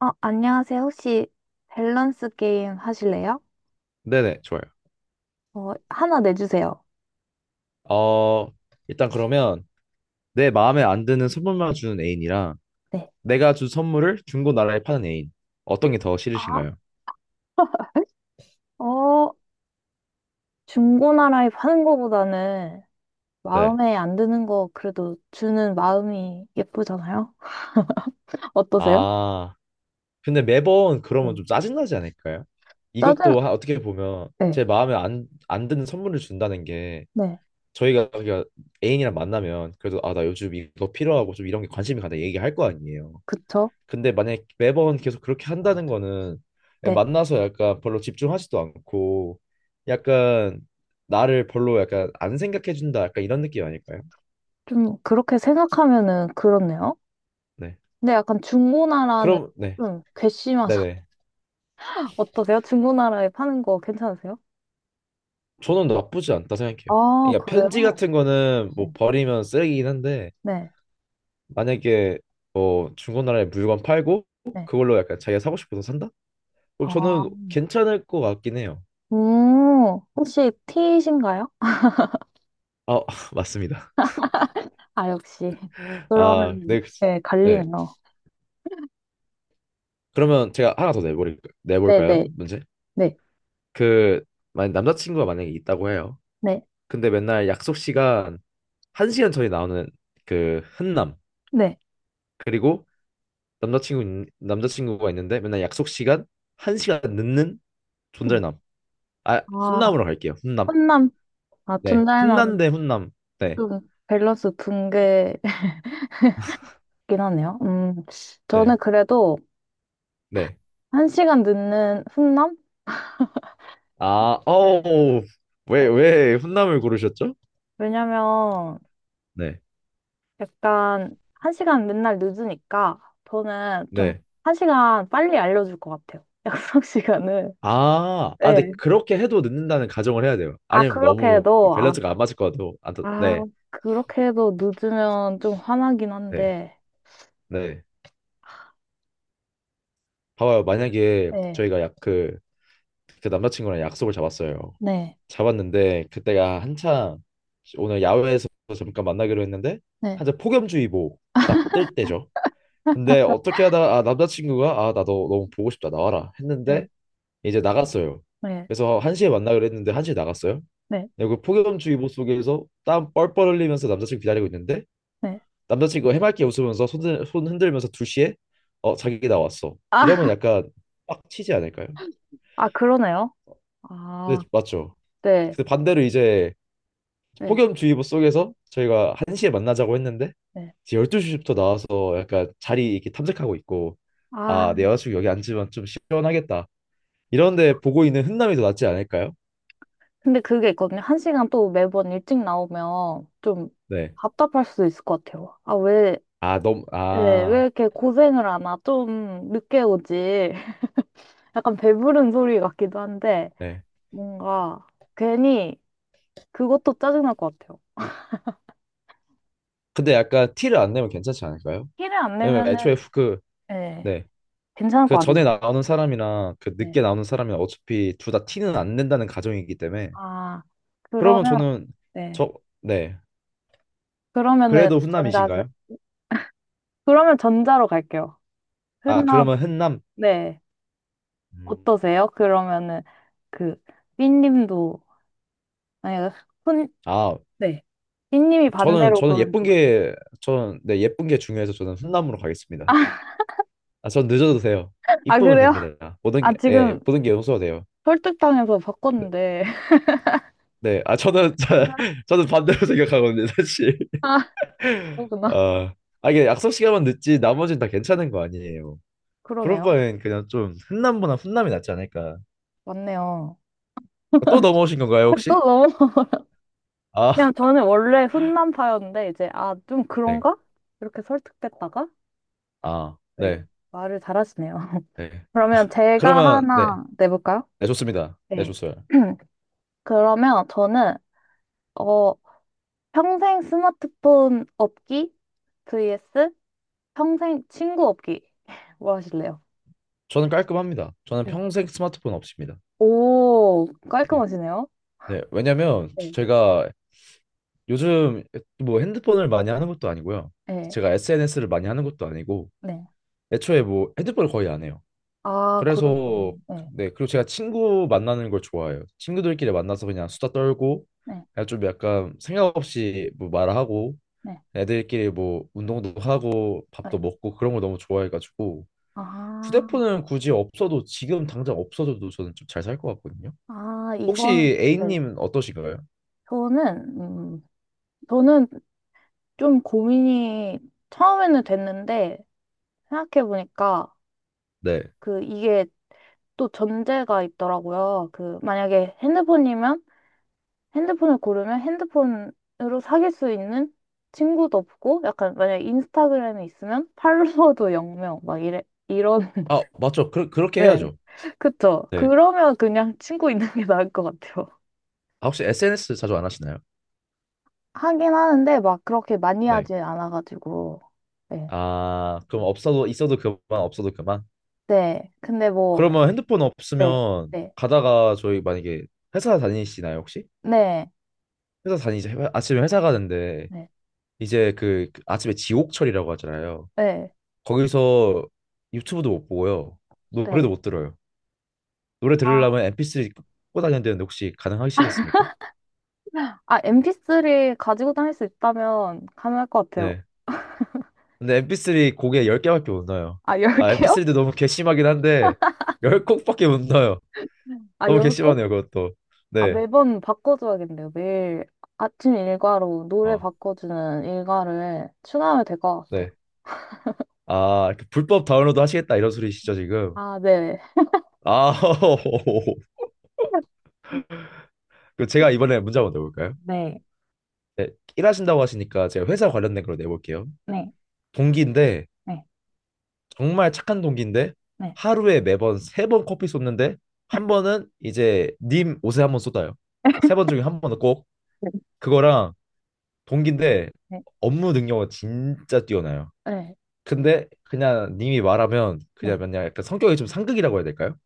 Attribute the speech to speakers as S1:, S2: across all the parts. S1: 어, 안녕하세요. 혹시 밸런스 게임 하실래요?
S2: 네네, 좋아요.
S1: 어, 하나 내주세요.
S2: 어, 일단 그러면 내 마음에 안 드는 선물만 주는 애인이랑
S1: 네.
S2: 내가 준 선물을 중고 나라에 파는 애인. 어떤 게 더
S1: 아,
S2: 싫으신가요?
S1: 어, 중고나라에 파는 거보다는
S2: 네.
S1: 마음에 안 드는 거 그래도 주는 마음이 예쁘잖아요? 어떠세요?
S2: 아, 근데 매번 그러면
S1: 네.
S2: 좀 짜증나지 않을까요?
S1: 짜증,
S2: 이것도 어떻게 보면
S1: 네,
S2: 제 마음에 안 드는 선물을 준다는 게
S1: 네,
S2: 저희가 저희가 애인이랑 만나면 그래도 아, 나 요즘 이거 필요하고 좀 이런 게 관심이 간다 얘기할 거 아니에요.
S1: 그쵸?
S2: 근데 만약에 매번 계속 그렇게 한다는 거는
S1: 네.
S2: 만나서 약간 별로 집중하지도 않고 약간 나를 별로 약간 안 생각해 준다 약간 이런 느낌 아닐까요?
S1: 좀 그렇게 생각하면은 그렇네요.
S2: 네.
S1: 근데 약간 중고나라는
S2: 그럼 네.
S1: 좀 괘씸하잖아.
S2: 네네.
S1: 어떠세요? 중고나라에 파는 거 괜찮으세요?
S2: 저는 나쁘지 않다 생각해요.
S1: 아,
S2: 그러니까 편지
S1: 그래요?
S2: 같은 거는 뭐
S1: 네,
S2: 버리면 쓰레기긴 한데
S1: 네,
S2: 만약에 뭐 중고나라에 물건 팔고
S1: 네.
S2: 그걸로 약간 자기가 사고 싶어서 산다? 그럼
S1: 아.
S2: 저는 괜찮을 것 같긴 해요.
S1: 혹시 T이신가요?
S2: 아, 맞습니다.
S1: 아, 역시.
S2: 아,
S1: 그러면,
S2: 네. 그치.
S1: 네,
S2: 네.
S1: 갈리네요.
S2: 그러면 제가 하나 더
S1: 네,
S2: 내볼까요?
S1: 네,
S2: 문제?
S1: 네,
S2: 그, 만약 남자친구가 만약에 있다고 해요.
S1: 네,
S2: 근데 맨날 약속 시간 한 시간 전에 나오는 그 흔남.
S1: 네,
S2: 그리고 남자친구가 있는데 맨날 약속 시간 한 시간 늦는
S1: 네.
S2: 존잘남. 아,
S1: 아,
S2: 훈남으로 갈게요. 훈남.
S1: 혼남, 아,
S2: 네.
S1: 둔달남,
S2: 훈남 대 훈남. 네.
S1: 좀 밸런스 붕괴긴 하네요. 저는
S2: 네.
S1: 그래도
S2: 네.
S1: 한 시간 늦는 훈남?
S2: 아,
S1: 네.
S2: 어우. 왜 훈남을 고르셨죠?
S1: 왜냐면,
S2: 네.
S1: 약간, 한 시간 맨날 늦으니까, 저는 좀,
S2: 네.
S1: 한 시간 빨리 알려줄 것 같아요. 약속 시간을.
S2: 아, 근데
S1: 네.
S2: 그렇게 해도 늦는다는 가정을 해야 돼요.
S1: 아,
S2: 아니면
S1: 그렇게
S2: 너무
S1: 해도, 아,
S2: 밸런스가 안 맞을 것 같아요. 안, 또-
S1: 아,
S2: 네,
S1: 그렇게 해도 늦으면 좀 화나긴
S2: 네,
S1: 한데,
S2: 네. 봐봐요. 만약에
S1: 네,
S2: 저희가 그 남자친구랑 약속을 잡았어요.
S1: 네,
S2: 잡았는데 그때가 한창 오늘 야외에서 잠깐 만나기로 했는데
S1: 네,
S2: 한창 폭염주의보 딱 뜰 때죠. 근데 어떻게 하다가 아, 남자친구가 아, 나 너 너무 보고 싶다 나와라 했는데
S1: 네,
S2: 이제 나갔어요.
S1: 네,
S2: 그래서 1시에 만나기로 했는데 1시에 나갔어요.
S1: 네,
S2: 그리고 폭염주의보 속에서 땀 뻘뻘 흘리면서 남자친구 기다리고 있는데
S1: 네.
S2: 남자친구가 해맑게 웃으면서 손 흔들면서 2시에 자기 나왔어. 이러면
S1: 아,
S2: 약간 빡치지 않을까요?
S1: 아, 그러네요.
S2: 네,
S1: 아,
S2: 맞죠.
S1: 네,
S2: 근데 반대로 이제
S1: 네,
S2: 폭염주의보 속에서 저희가 1시에 만나자고 했는데
S1: 네.
S2: 이제 12시부터 나와서 약간 자리 이렇게 탐색하고 있고
S1: 아,
S2: 아, 내 여자친구 여기 앉으면 좀 시원하겠다. 이런데 보고 있는 훈남이 더 낫지 않을까요?
S1: 근데 그게 있거든요. 한 시간 또 매번 일찍 나오면 좀
S2: 네.
S1: 답답할 수도 있을 것 같아요. 아, 왜,
S2: 아, 너무,
S1: 네, 왜
S2: 아,
S1: 이렇게 고생을 하나? 좀 늦게 오지. 약간 배부른 소리 같기도 한데,
S2: 네.
S1: 뭔가 괜히 그것도 짜증날 것 같아요.
S2: 근데 약간 티를 안 내면 괜찮지 않을까요?
S1: 티를 안
S2: 왜냐면 애초에
S1: 내면은, 네.
S2: 네.
S1: 괜찮을
S2: 그
S1: 것 같은데.
S2: 전에 나오는 사람이랑 그
S1: 네.
S2: 늦게 나오는 사람이랑 어차피 둘 다 티는 안 낸다는 가정이기 때문에.
S1: 아,
S2: 그러면
S1: 그러면,
S2: 저는,
S1: 네.
S2: 저, 네.
S1: 그러면은
S2: 그래도
S1: 전자,
S2: 훈남이신가요?
S1: 그러면 전자로 갈게요.
S2: 아,
S1: 흔한,
S2: 그러면 훈남.
S1: 네.
S2: 음.
S1: 어떠세요? 그러면은 그, 삐님도, 아니, 흔,
S2: 아,
S1: 네. 삐님이
S2: 저는,
S1: 반대로
S2: 저는
S1: 고른,
S2: 예쁜 게, 저는, 네, 예쁜 게 중요해서 저는 훈남으로 가겠습니다.
S1: 아,
S2: 아, 전 늦어도 돼요.
S1: 아,
S2: 이쁘면
S1: 그래요?
S2: 됩니다. 모든
S1: 아,
S2: 게, 예,
S1: 지금
S2: 모든 게 용서가 돼요.
S1: 설득당해서
S2: 네,
S1: 바꿨는데.
S2: 네. 아, 저는, 저는 반대로 생각하거든요, 사실.
S1: 아, 그러구나.
S2: 아, 아, 이게 약속 시간만 늦지 나머지는 다 괜찮은 거 아니에요. 그럴
S1: 그러네요.
S2: 바엔 그냥 좀 훈남보다 훈남이 낫지 않을까.
S1: 맞네요.
S2: 또 넘어오신 건가요,
S1: 아, 또
S2: 혹시?
S1: 너무,
S2: 아,
S1: 그냥 저는 원래 훈남파였는데, 이제, 아, 좀
S2: 네.
S1: 그런가? 이렇게 설득됐다가,
S2: 아,
S1: 네.
S2: 네.
S1: 말을 잘하시네요.
S2: 네.
S1: 그러면 제가
S2: 그러면 네.
S1: 하나 내볼까요?
S2: 네, 좋습니다. 네,
S1: 네.
S2: 좋습니다.
S1: 그러면 저는, 어, 평생 스마트폰 없기 vs 평생 친구 없기. 뭐 하실래요?
S2: 저는 깔끔합니다. 저는
S1: 네.
S2: 평생 스마트폰 없습니다.
S1: 오,
S2: 네.
S1: 깔끔하시네요.
S2: 네, 왜냐면
S1: 네.
S2: 제가 요즘 뭐 핸드폰을 많이 하는 것도 아니고요.
S1: 네,
S2: 제가 SNS를 많이 하는 것도 아니고
S1: 네.
S2: 애초에 뭐 핸드폰을 거의 안 해요.
S1: 아, 그러죠구
S2: 그래서
S1: 나 네,
S2: 네 그리고 제가 친구 만나는 걸 좋아해요. 친구들끼리 만나서 그냥 수다 떨고
S1: 네,
S2: 그냥 좀 약간 생각 없이 뭐 말하고
S1: 네,
S2: 애들끼리 뭐 운동도 하고
S1: 네.
S2: 밥도 먹고 그런 걸 너무 좋아해가지고
S1: 아,
S2: 휴대폰은 굳이 없어도 지금 당장 없어져도 저는 좀 잘 살 것 같거든요.
S1: 아,
S2: 혹시
S1: 이건, 네.
S2: A님 어떠신가요?
S1: 저는, 저는 좀 고민이 처음에는 됐는데, 생각해보니까,
S2: 네.
S1: 그, 이게 또 전제가 있더라고요. 그, 만약에 핸드폰이면 핸드폰을 고르면 핸드폰으로 사귈 수 있는 친구도 없고, 약간 만약에 인스타그램이 있으면 팔로워도 0명, 막 이래, 이런,
S2: 아 맞죠. 그렇게
S1: 네.
S2: 해야죠.
S1: 그쵸.
S2: 네.
S1: 그러면 그냥 친구 있는 게 나을 것 같아요.
S2: 아 혹시 SNS 자주 안 하시나요?
S1: 하긴 하는데 막 그렇게 많이
S2: 네.
S1: 하진 않아가지고. 네.
S2: 아 그럼 없어도 있어도 그만 없어도 그만.
S1: 네. 근데 뭐,
S2: 그러면 핸드폰
S1: 네.
S2: 없으면
S1: 네.
S2: 가다가 저희 만약에 회사 다니시나요, 혹시?
S1: 네.
S2: 회사 다니지 아침에 회사 가는데
S1: 네.
S2: 이제 그 아침에 지옥철이라고 하잖아요.
S1: 네.
S2: 거기서 유튜브도 못 보고요. 노래도
S1: 네.
S2: 못 들어요. 노래 들으려면
S1: 아,
S2: MP3 꽂고 다녀야 되는데 혹시 가능하시겠습니까?
S1: 아, MP3 가지고 다닐 수 있다면 가능할 것 같아요.
S2: 네. 근데 MP3 곡에 10개밖에 못 넣어요.
S1: 아,
S2: 아,
S1: 열개요
S2: MP3도 너무 괘씸하긴 한데 10곡밖에 못 넣어요.
S1: 아,
S2: 너무
S1: 열 네, 거
S2: 괘씸하네요, 그것도.
S1: 아, 네.
S2: 네.
S1: 매번 바꿔줘야겠네요. 매일 아침 일과로 노래
S2: 아,
S1: 바꿔주는 일과를 추가하면 될 것 같아요.
S2: 네. 아, 이렇게 불법 다운로드 하시겠다 이런 소리시죠, 지금?
S1: 아, 네.
S2: 아, 그 제가 이번에 문제 한번 내볼까요?
S1: 네,
S2: 네, 일하신다고 하시니까 제가 회사 관련된 걸로 내볼게요.
S1: 네,
S2: 동기인데
S1: 네,
S2: 정말 착한 동기인데
S1: 네,
S2: 하루에 매번 세 번 커피 쏟는데 한 번은 이제 님 옷에 한번 쏟아요. 세 번 중에 한 번은 꼭
S1: 네.
S2: 그거랑 동기인데
S1: 네.
S2: 업무 능력은 진짜 뛰어나요.
S1: 네.
S2: 근데 그냥 님이 말하면 그냥
S1: 네.
S2: 그냥 약간 성격이 좀 상극이라고 해야 될까요?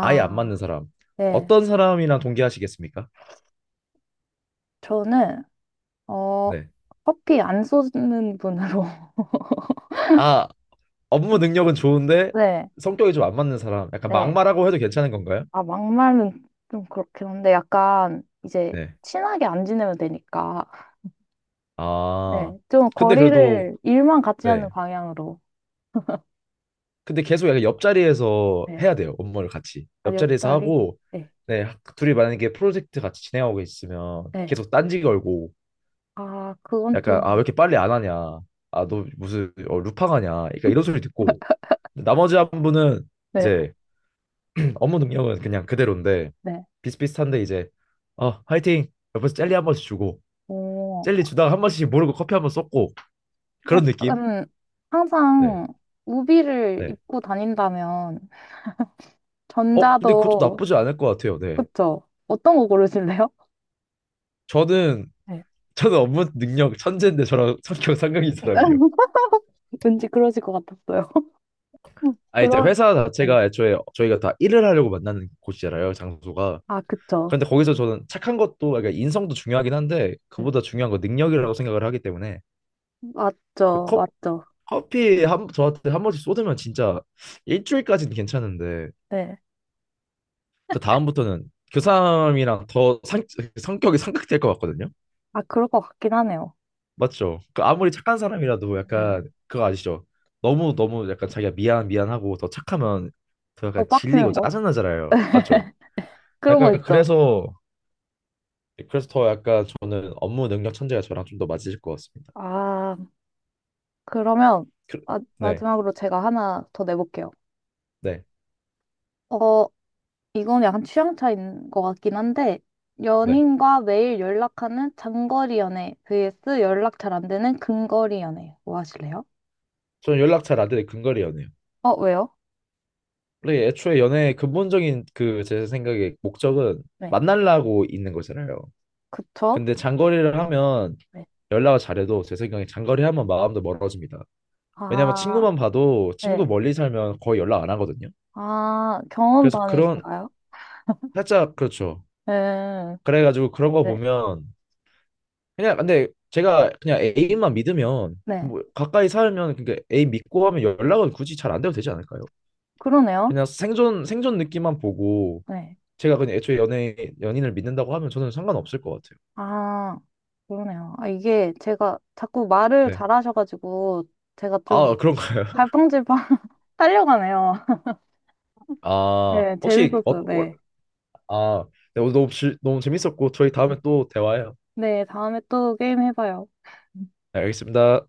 S2: 아예 안 맞는 사람.
S1: 네.
S2: 어떤 사람이랑 동기하시겠습니까?
S1: 저는, 어,
S2: 네.
S1: 커피 안 쏘는 분으로.
S2: 아, 업무 능력은 좋은데
S1: 네,
S2: 성격이 좀 안 맞는 사람. 약간
S1: 네.
S2: 막말하고 해도 괜찮은 건가요?
S1: 아, 막말은 좀 그렇긴 한데, 약간, 이제,
S2: 네.
S1: 친하게 안 지내면 되니까.
S2: 아,
S1: 네, 좀
S2: 근데 그래도
S1: 거리를 일만 같이 하는
S2: 네.
S1: 방향으로.
S2: 근데 계속 약간 옆자리에서
S1: 네,
S2: 해야 돼요. 업무를 같이.
S1: 아,
S2: 옆자리에서
S1: 옆자리.
S2: 하고
S1: 네,
S2: 네, 둘이 만약에 프로젝트 같이 진행하고 있으면
S1: 네.
S2: 계속 딴지 걸고
S1: 아, 그건
S2: 약간
S1: 좀,
S2: 아, 왜 이렇게 빨리 안 하냐. 아, 너 무슨 루팡하냐. 그러니까 이런 소리 듣고 나머지 한 분은
S1: 네,
S2: 이제 업무 능력은 그냥 그대로인데
S1: 네.
S2: 비슷비슷한데 이제 화이팅. 옆에서 젤리 한 번씩 주고
S1: 오,
S2: 젤리 주다가 한 번씩 모르고 커피 한 번 쏟고 그런 느낌?
S1: 약간
S2: 네.
S1: 항상 우비를
S2: 네.
S1: 입고 다닌다면
S2: 근데 그것도
S1: 전자도
S2: 나쁘지 않을 것 같아요. 네.
S1: 그쵸? 어떤 거 고르실래요?
S2: 저는
S1: 네.
S2: 저는 업무 능력 천재인데 저랑 성격 상극인 사람이요.
S1: 왠지 그러실 것 같았어요.
S2: 아, 이제
S1: 그럼,
S2: 회사
S1: 네.
S2: 자체가 애초에 저희가 다 일을 하려고 만나는 곳이잖아요, 장소가.
S1: 아, 그쵸.
S2: 그런데 거기서 저는 착한 것도 그러니까 인성도 중요하긴 한데
S1: 네.
S2: 그보다 중요한 건 능력이라고 생각을 하기 때문에
S1: 맞죠,
S2: 컵
S1: 맞죠.
S2: 커피 한 저한테 한 번씩 쏟으면 진짜 일주일까지는 괜찮은데
S1: 네.
S2: 그 다음부터는 그 사람이랑 더 성격이 상극될 것 같거든요.
S1: 아, 그럴 것 같긴 하네요.
S2: 맞죠? 그 아무리 착한 사람이라도
S1: 네.
S2: 약간 그거 아시죠? 너무 너무 약간 자기가 미안 미안하고 더 착하면 더
S1: 더
S2: 약간 질리고
S1: 빡치는 거?
S2: 짜증나잖아요. 맞죠?
S1: 그런 거
S2: 약간
S1: 있죠.
S2: 그래서 더 약간 저는 업무 능력 천재가 저랑 좀 더 맞으실 것 같습니다.
S1: 아, 그러면
S2: 그,
S1: 마,
S2: 네,
S1: 마지막으로 제가 하나 더 내볼게요.
S2: 네,
S1: 어, 이건 약간 취향 차이인 것 같긴 한데,
S2: 네.
S1: 연인과 매일 연락하는 장거리 연애 vs 연락 잘 안 되는 근거리 연애. 뭐 하실래요?
S2: 저는 연락 잘 안 되는 근거리 연애요.
S1: 어, 왜요?
S2: 원래 애초에 연애의 근본적인 그 제 생각에 목적은
S1: 네.
S2: 만나려고 있는 거잖아요.
S1: 그쵸?
S2: 근데 장거리를 하면
S1: 네.
S2: 연락을 잘해도 제 생각에 장거리 하면 마음도 멀어집니다. 왜냐면
S1: 아,
S2: 친구만 봐도 친구
S1: 네.
S2: 멀리 살면 거의 연락 안 하거든요.
S1: 아,
S2: 그래서 그런
S1: 경험담이신가요?
S2: 살짝 그렇죠.
S1: 네.
S2: 그래가지고 그런 거
S1: 네.
S2: 보면 그냥 근데 제가 그냥 애인만 믿으면
S1: 네.
S2: 뭐 가까이 살면 그러니까 애인 믿고 하면 연락은 굳이 잘 안 돼도 되지 않을까요?
S1: 그러네요.
S2: 그냥 생존 생존 느낌만 보고
S1: 네.
S2: 제가 그냥 애초에 연애 연인을 믿는다고 하면 저는 상관없을 것 같아요.
S1: 아, 그러네요. 아, 이게 제가 자꾸 말을
S2: 네.
S1: 잘하셔가지고, 제가 좀
S2: 아 그런가요?
S1: 갈팡질팡 살려가네요.
S2: 아
S1: 네,
S2: 혹시
S1: 재밌었어요. 네.
S2: 아 네, 오늘 너무 너무 재밌었고 저희 다음에
S1: 네,
S2: 또 대화해요.
S1: 네, 다음에 또 게임 해봐요.
S2: 네, 알겠습니다.